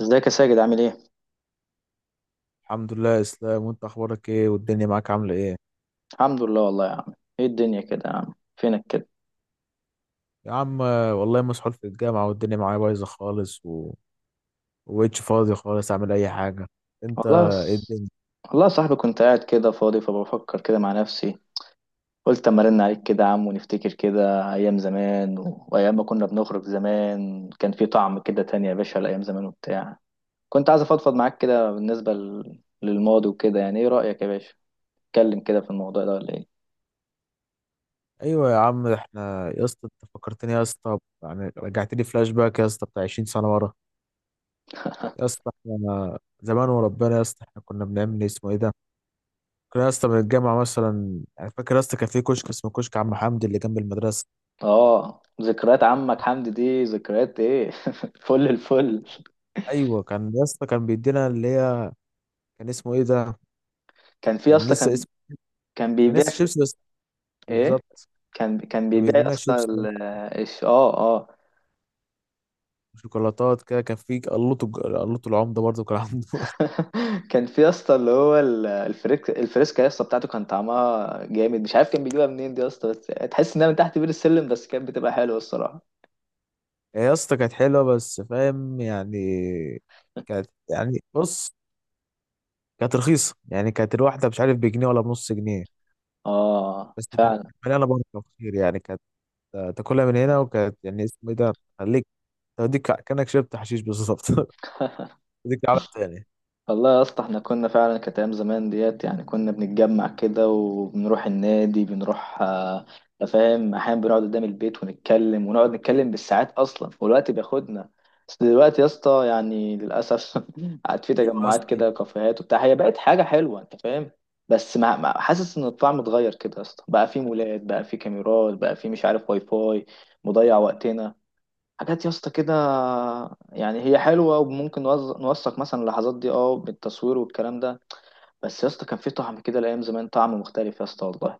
ازيك يا ساجد عامل ايه؟ الحمد لله اسلام، وانت اخبارك ايه؟ والدنيا معاك عامله ايه؟ الحمد لله والله يا عم. ايه الدنيا كده يا عم فينك كده؟ يا عم والله مسحول في الجامعه والدنيا معايا بايظه خالص ومبقتش فاضي خالص اعمل اي حاجه. انت؟ والله ايه س... الدنيا؟ والله يا صاحبي كنت قاعد كده فاضي فبفكر كده مع نفسي. قلت اما ارن عليك كده يا عم ونفتكر كده ايام زمان وايام ما كنا بنخرج زمان كان في طعم كده تاني يا باشا لايام زمان وبتاع. كنت عايز افضفض معاك كده بالنسبة للماضي وكده، يعني ايه رأيك يا باشا؟ اتكلم كده في الموضوع ده ولا ايه؟ ايوه يا عم، احنا يا اسطى انت فكرتني يا اسطى. يعني رجعت لي فلاش باك يا اسطى بتاع 20 سنه ورا. يا اسطى احنا زمان وربنا، يا اسطى احنا كنا بنعمل ايه؟ اسمه ايه ده؟ كنا يا اسطى من الجامعه مثلا يعني، فاكر يا اسطى كان في كشك اسمه كشك عم حمدي اللي جنب المدرسه. اه، ذكريات عمك حمدي دي ذكريات ايه؟ فل الفل. ايوه كان يا اسطى، كان بيدينا اللي هي كان اسمه ايه ده، كان في يا كان اسطى لسه كان، اسمه، كان كان بيبيع لسه شيبسي. ايه، بالظبط. كان كان بيبيع بيجيب يا لنا اسطى شيبسي اه اه. وشوكولاتات كده، كان في قلوط قلوط العمده برضه كان عنده. كان في يا اسطى اللي هو الفريك الفريسكا يا اسطى بتاعته كان طعمها جامد، مش عارف كان بيجيبها منين دي يا اسطى، بس تحس انها من تحت بير السلم، بس كانت بتبقى حلوه الصراحه. يا اسطى كانت حلوه بس فاهم يعني، كانت يعني بص كانت رخيصه، يعني كانت الواحده مش عارف بجنيه ولا بنص جنيه. اه بس كانت فعلا. مليانه بركه خير يعني، كانت تاكلها من هنا، وكانت يعني اسمه ايه ده، خليك، توديك كانك شربت حشيش بالظبط. توديك عالم تاني. والله يا اسطى احنا كنا فعلا كانت ايام زمان ديت، يعني كنا بنتجمع كده وبنروح النادي، بنروح فاهم، احيانا بنقعد قدام البيت ونتكلم ونقعد نتكلم بالساعات اصلا والوقت بياخدنا. بس دلوقتي يا اسطى يعني للاسف قعد في ايوه يا تجمعات اسطى. كده، كافيهات وبتاع، هي بقت حاجه حلوه انت فاهم، بس حاسس ان الطعم اتغير كده يا اسطى، بقى في مولات، بقى في كاميرات، بقى في مش عارف واي فاي مضيع وقتنا، حاجات يا اسطى كده. يعني هي حلوه وممكن نوثق مثلا اللحظات دي اه بالتصوير والكلام ده، بس يا اسطى كان في طعم كده الايام زمان، طعم مختلف يا اسطى والله.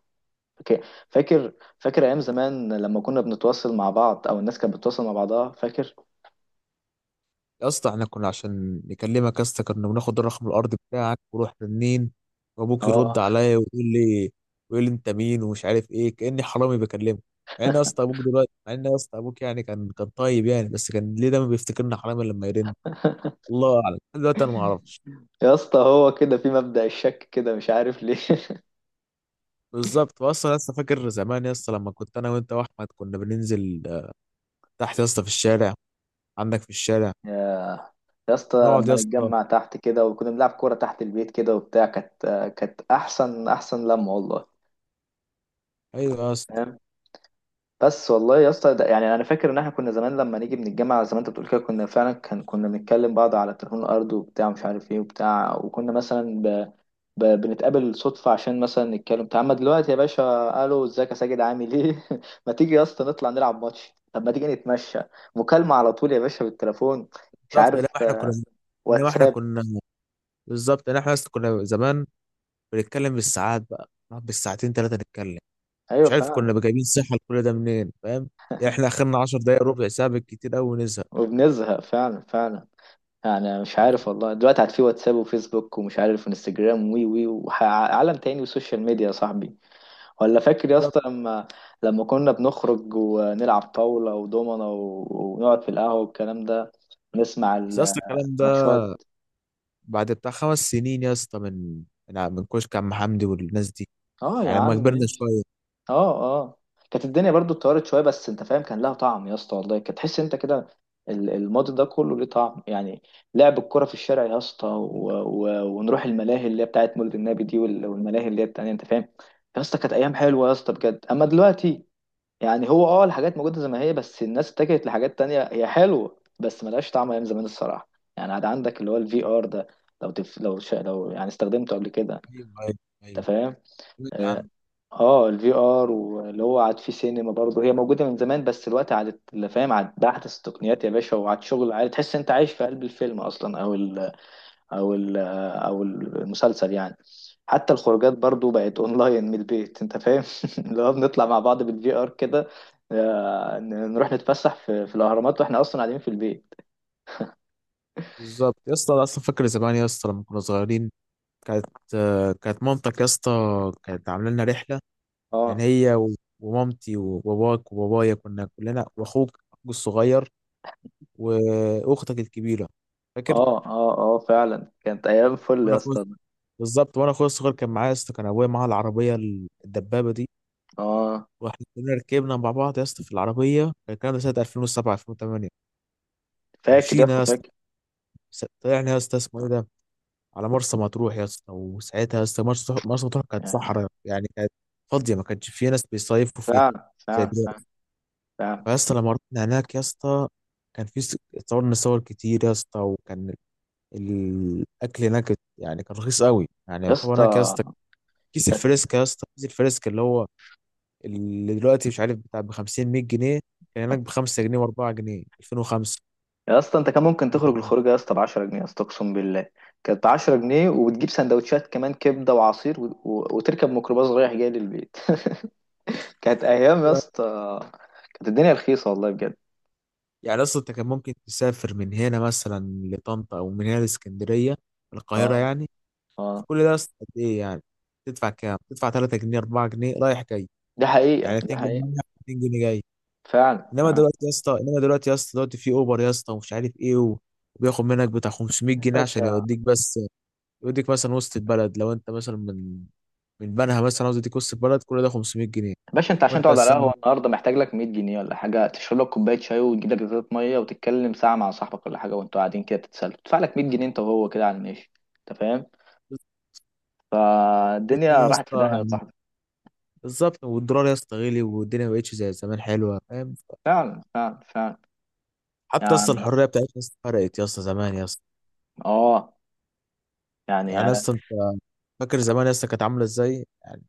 فاك- فاكر. فاكر ايام زمان لما كنا بنتواصل مع بعض او الناس كانت بتتواصل مع بعضها فاكر؟ يا اسطى احنا كنا عشان نكلمك يا اسطى، كنا بناخد الرقم الارضي بتاعك ورحنا منين، وابوك يرد اه. عليا ويقول لي انت مين ومش عارف ايه، كاني حرامي بكلمه. مع ان يا اسطى ابوك دلوقتي، مع ان يا اسطى ابوك يعني كان طيب يعني، بس كان ليه دايما بيفتكرنا حرامي لما يرن؟ الله اعلم، لحد دلوقتي انا ما اعرفش. يا اسطى هو كده في مبدأ الشك كده مش عارف ليه. بالظبط. اصلا لسه فاكر زمان يا اسطى لما كنت انا وانت واحمد كنا بننزل تحت يا اسطى في الشارع، عندك في الشارع يا يا اسطى نقعد لما يا اسطى. نتجمع تحت كده وكنا بنلعب كوره تحت البيت كده وبتاع كانت، كانت احسن لمه والله. ايوه يا اسطى. بس والله يا اسطى ده- يعني انا فاكر ان احنا كنا زمان لما نيجي من الجامعه زي ما انت بتقول كده كنا فعلا كان كنا بنتكلم بعض على التليفون الارضي وبتاع مش عارف ايه وبتاع، وكنا مثلا بنتقابل صدفه عشان مثلا نتكلم تعالى. اما دلوقتي يا باشا، الو ازيك يا ساجد عامل ايه، ما تيجي يا اسطى نطلع نلعب ماتش، طب ما تيجي نتمشى، مكالمه على طول يا باشا بالتليفون، مش بالظبط، لا عارف احنا كنا، آه، انما احنا واتساب. كنا، بالظبط يعني، احنا اصلا كنا زمان بنتكلم بالساعات، بقى نقعد بالساعتين ثلاثة نتكلم. ايوه مش عارف فعلا. كنا جايبين صحة لكل ده منين، فاهم؟ يعني احنا اخرنا 10 دقايق ربع ساعة بالكتير قوي ونزهق. وبنزهق فعلا فعلا. يعني مش عارف والله دلوقتي عاد في واتساب وفيسبوك ومش عارف وانستجرام وي وي وعالم تاني وسوشيال ميديا يا صاحبي. ولا فاكر يا بالظبط. اسطى لما، لما كنا بنخرج ونلعب طاولة ودومنة و- ونقعد في القهوة والكلام ده، نسمع بس اصل الكلام ده الماتشات. بعد بتاع خمس سنين يا اسطى، من من كشك عم حمدي والناس دي، اه يا يعني عم لما كبرنا ماشي. شوية. اه اه، كانت الدنيا برضو اتطورت شويه بس انت فاهم كان لها طعم يا اسطى والله، كانت تحس انت كده الماضي ده كله ليه طعم يعني. لعب الكرة في الشارع يا اسطى و... ونروح الملاهي اللي هي بتاعت مولد النبي دي والملاهي اللي هي التانية انت فاهم. يا اسطى كانت ايام حلوه يا اسطى بجد، اما دلوقتي يعني هو اه الحاجات موجوده زي ما هي، بس الناس اتجهت لحاجات تانية هي حلوه بس ملهاش طعم ايام زمان الصراحه. يعني عاد عندك اللي هو الفي ار ده، لو لو يعني استخدمته قبل كده ايوه ايوه انت ايوه. فاهم؟ سمعت آه. عنه. اه الفي ار واللي هو عاد في سينما برضه هي موجوده من زمان بس الوقت عادت اللي فاهم عاد باحدث التقنيات يا باشا، وعاد شغل، عاد تحس انت عايش في قلب الفيلم اصلا او ال او المسلسل يعني. حتى الخروجات برضه بقت اونلاين من البيت انت فاهم، اللي هو بنطلع مع بعض بالفي ار كده، آه، نروح نتفسح في الاهرامات واحنا اصلا قاعدين في البيت. بالظبط يا اسطى، أنا اصلا فاكر زمان يا اسطى لما كنا صغيرين، كانت كانت مامتك يا اسطى كانت عامله لنا رحلة. اه يعني هي ومامتي وباباك وبابايا كنا كلنا، واخوك اخوك الصغير واختك الكبيره، فاكر؟ اه اه، اه فعلا كانت ايام فل يا وانا اخويا، اسطى. بالظبط، وانا اخويا الصغير كان معايا يا اسطى، كان ابويا معاه العربيه الدبابه دي. اه. واحنا كلنا ركبنا مع بعض يا اسطى في العربيه، كان الكلام ده سنه 2007 2008. فاكر يا ومشينا اسطى يا اسطى، فاكر. طلعنا يا اسطى اسمه ايه ده على مرسى مطروح يا اسطى. وساعتها يا اسطى مرسى مطروح كانت صحراء، يعني كانت فاضيه، ما كانش فيها ناس بيصيفوا فيها فعلا زي فعلا فعلا. دلوقتي. فعلا. فيا اسطى لما رحنا هناك يا اسطى، كان في اتصورنا صور كتير يا اسطى، وكان الاكل هناك يعني كان رخيص قوي، يعني يا يعتبر هناك يا اسطى. اسطى كيس الفريسكا، يا اسطى كيس الفريسكا اللي هو اللي دلوقتي مش عارف بتاع ب 50 100 جنيه، كان هناك ب 5 جنيه و4 جنيه 2005. يا اسطى انت كان ممكن تخرج الخروجه يا اسطى ب 10 جنيه يا اسطى اقسم بالله. كانت ب 10 جنيه وبتجيب سندوتشات كمان، كبده وعصير وتركب ميكروباص رايح جاي للبيت. كانت ايام يا اسطى. كانت الدنيا رخيصه والله بجد. يعني اصلا انت كان ممكن تسافر من هنا مثلا لطنطا، او من هنا لاسكندريه، القاهره اه يعني، اه. في كل ده اصلا قد ايه يعني؟ تدفع كام؟ تدفع 3 جنيه 4 جنيه رايح جاي، دي حقيقه يعني دي 2 جنيه حقيقه. رايح 2 جنيه جاي. فعلا انما فعلا. دلوقتي يا اسطى انما دلوقتي يا اسطى دلوقتي في اوبر يا اسطى ومش عارف ايه وبياخد منك بتاع 500 جنيه عشان باشا. يوديك بس، يوديك مثلا وسط البلد لو انت مثلا من بنها مثلا عاوز يديك وسط البلد كل ده 500 جنيه. باشا انت عشان وانت تقعد على اساسا قهوه النهارده محتاج لك 100 جنيه ولا حاجه، تشرب لك كوبايه شاي وتجيب لك ازازه ميه وتتكلم ساعه مع صاحبك ولا حاجه وانتوا قاعدين كده تتسلوا، تدفع لك 100 جنيه انت وهو كده على الماشي انت فاهم. 500 فالدنيا جنيه يا راحت في اسطى داهيه يا يعني، صاحبي. بالظبط. والدولار يا اسطى غلي، والدنيا ما بقتش زي زمان حلوه، فاهم؟ فعلا فعلا فعلا. حتى يا اسطى يعني الحريه بتاعتنا يا اسطى فرقت يا اسطى، زمان يا اسطى، اه يعني يعني يا انا اسطى انت فاكر زمان يا اسطى كانت عامله ازاي يعني؟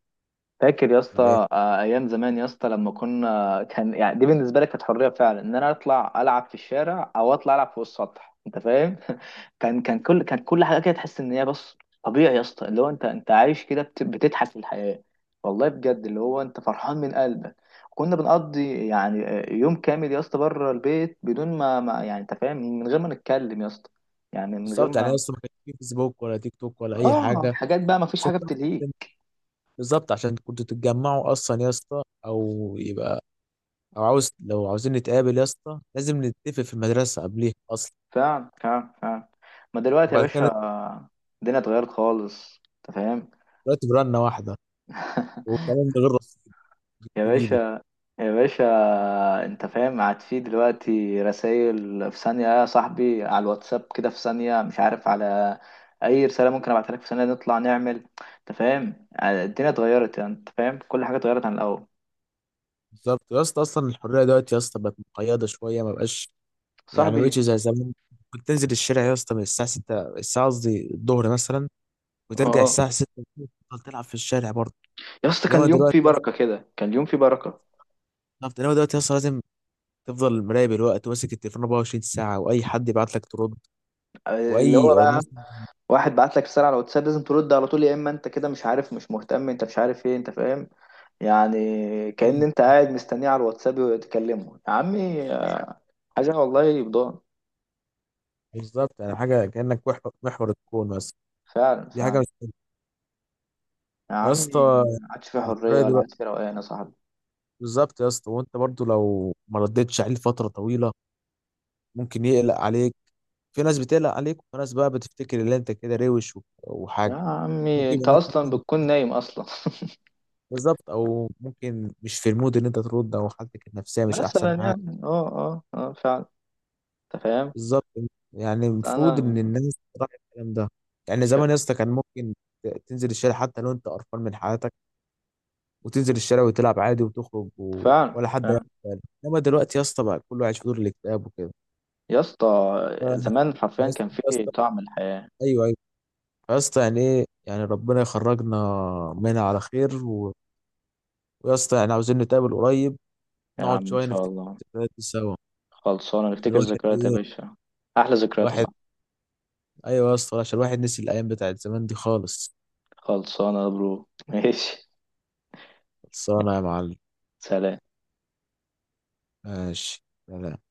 فاكر يا ولا اسطى ايه؟ آه، ايام زمان يا اسطى لما كنا، كان يعني دي بالنسبه لك كانت حريه فعلا ان انا اطلع العب في الشارع او اطلع العب فوق السطح انت فاهم. كل حاجه كده تحس ان هي بس طبيعي يا اسطى، اللي هو انت عايش كده بتضحك في الحياه والله بجد، اللي هو انت فرحان من قلبك. كنا بنقضي يعني آه، يوم كامل يا اسطى بره البيت بدون ما يعني انت فاهم من غير ما نتكلم يا اسطى، يعني من غير بالظبط، يعني يا ما اسطى ما كانش في فيسبوك ولا تيك توك ولا اي اه حاجه حاجات بقى، ما فيش عشان حاجه تعرف. بتلهيك. بالظبط، عشان كنتوا تتجمعوا اصلا يا اسطى، او يبقى، او عاوز لو عاوزين نتقابل يا اسطى لازم نتفق في المدرسه قبليها اصلا، فعلا فعلا فعلا. ما دلوقتي يا وبعد كده نطلع. باشا الدنيا اتغيرت خالص انت فاهم. دلوقتي برنه واحده، وكمان ده غير رصيد، يا تجيلي. باشا. يا باشا انت فاهم قاعد في دلوقتي رسائل في ثانية يا صاحبي على الواتساب، كده في ثانية مش عارف على اي رسالة ممكن ابعتها لك في ثانية، نطلع نعمل انت فاهم الدنيا اتغيرت، يعني انت فاهم كل حاجة اتغيرت عن الاول. بالظبط يا اسطى، اصلا الحريه دلوقتي يا اسطى بقت مقيده شويه، ما بقاش، يعني مبقتش صاحبي. زي زمان. كنت تنزل الشارع يا اسطى من الساعه 6، الساعه قصدي الظهر مثلا، وترجع اه. الساعه 6، تفضل تلعب في الشارع برضه. يا اسطى كان انما اليوم دلوقتي فيه يا اسطى بركة كده، كان اليوم فيه بركة. انما دلوقتي يا اسطى لازم تفضل مراقب الوقت وماسك التليفون 24 ساعه، واي حد يبعت لك ترد، آه، اللي واي هو بقى واحد بعت لك رسالة على الواتساب لازم ترد على طول، يا اما انت كده مش عارف مش مهتم انت مش عارف ايه انت فاهم، يعني كأن مم. انت قاعد مستنيه على الواتساب تكلمه يا عمي، حاجة والله يبدو. بالظبط يعني، حاجه كانك محور محور الكون مثلا، فعلا دي حاجه فعلا. مش حلوة. يا يا عمي اسطى ما عادش في الفرق حرية ولا دلوقتي، عادش في روقان يا صاحبي. بالظبط يا اسطى، وانت برضو لو ما ردتش عليه لفتره طويله ممكن يقلق عليك، في ناس بتقلق عليك، وفي ناس بقى بتفتكر ان انت كده روش يا وحاجه، عمي ممكن انت اصلا يبقى، بتكون نايم اصلا. بالظبط، او ممكن مش في المود ان انت ترد، او حالتك النفسيه مش مثلا احسن حاجه. يعني اه اه اه فعلا. انت فاهم. بالظبط، يعني المفروض ان انا الناس تراعي الكلام ده. يعني ش- زمان يا اسطى كان ممكن تنزل الشارع حتى لو انت قرفان من حياتك، وتنزل الشارع وتلعب عادي وتخرج فعلا ولا حد هياخد فعلا باله. انما دلوقتي يا اسطى بقى كله عايش في دور الاكتئاب وكده. يا اسطى ف- زمان فيا حرفيا اسطى، كان يا في اسطى، طعم الحياة. ايوه ايوه يا اسطى يعني ايه، يعني ربنا يخرجنا منها على خير ويا اسطى يعني عاوزين نتقابل قريب، يا نقعد عم ان شويه شاء نفتكر الله. الذكريات دي سوا، خلصانة عشان نفتكر الواحد ذكريات يا ايه، باشا، أحلى ذكريات يا الواحد، صاحبي. ايوه يا اسطى عشان الواحد نسي الايام بتاعت زمان دي خالص. خلصانة يا برو. ماشي خلصانه يا معلم، سلام. ماشي، سلام.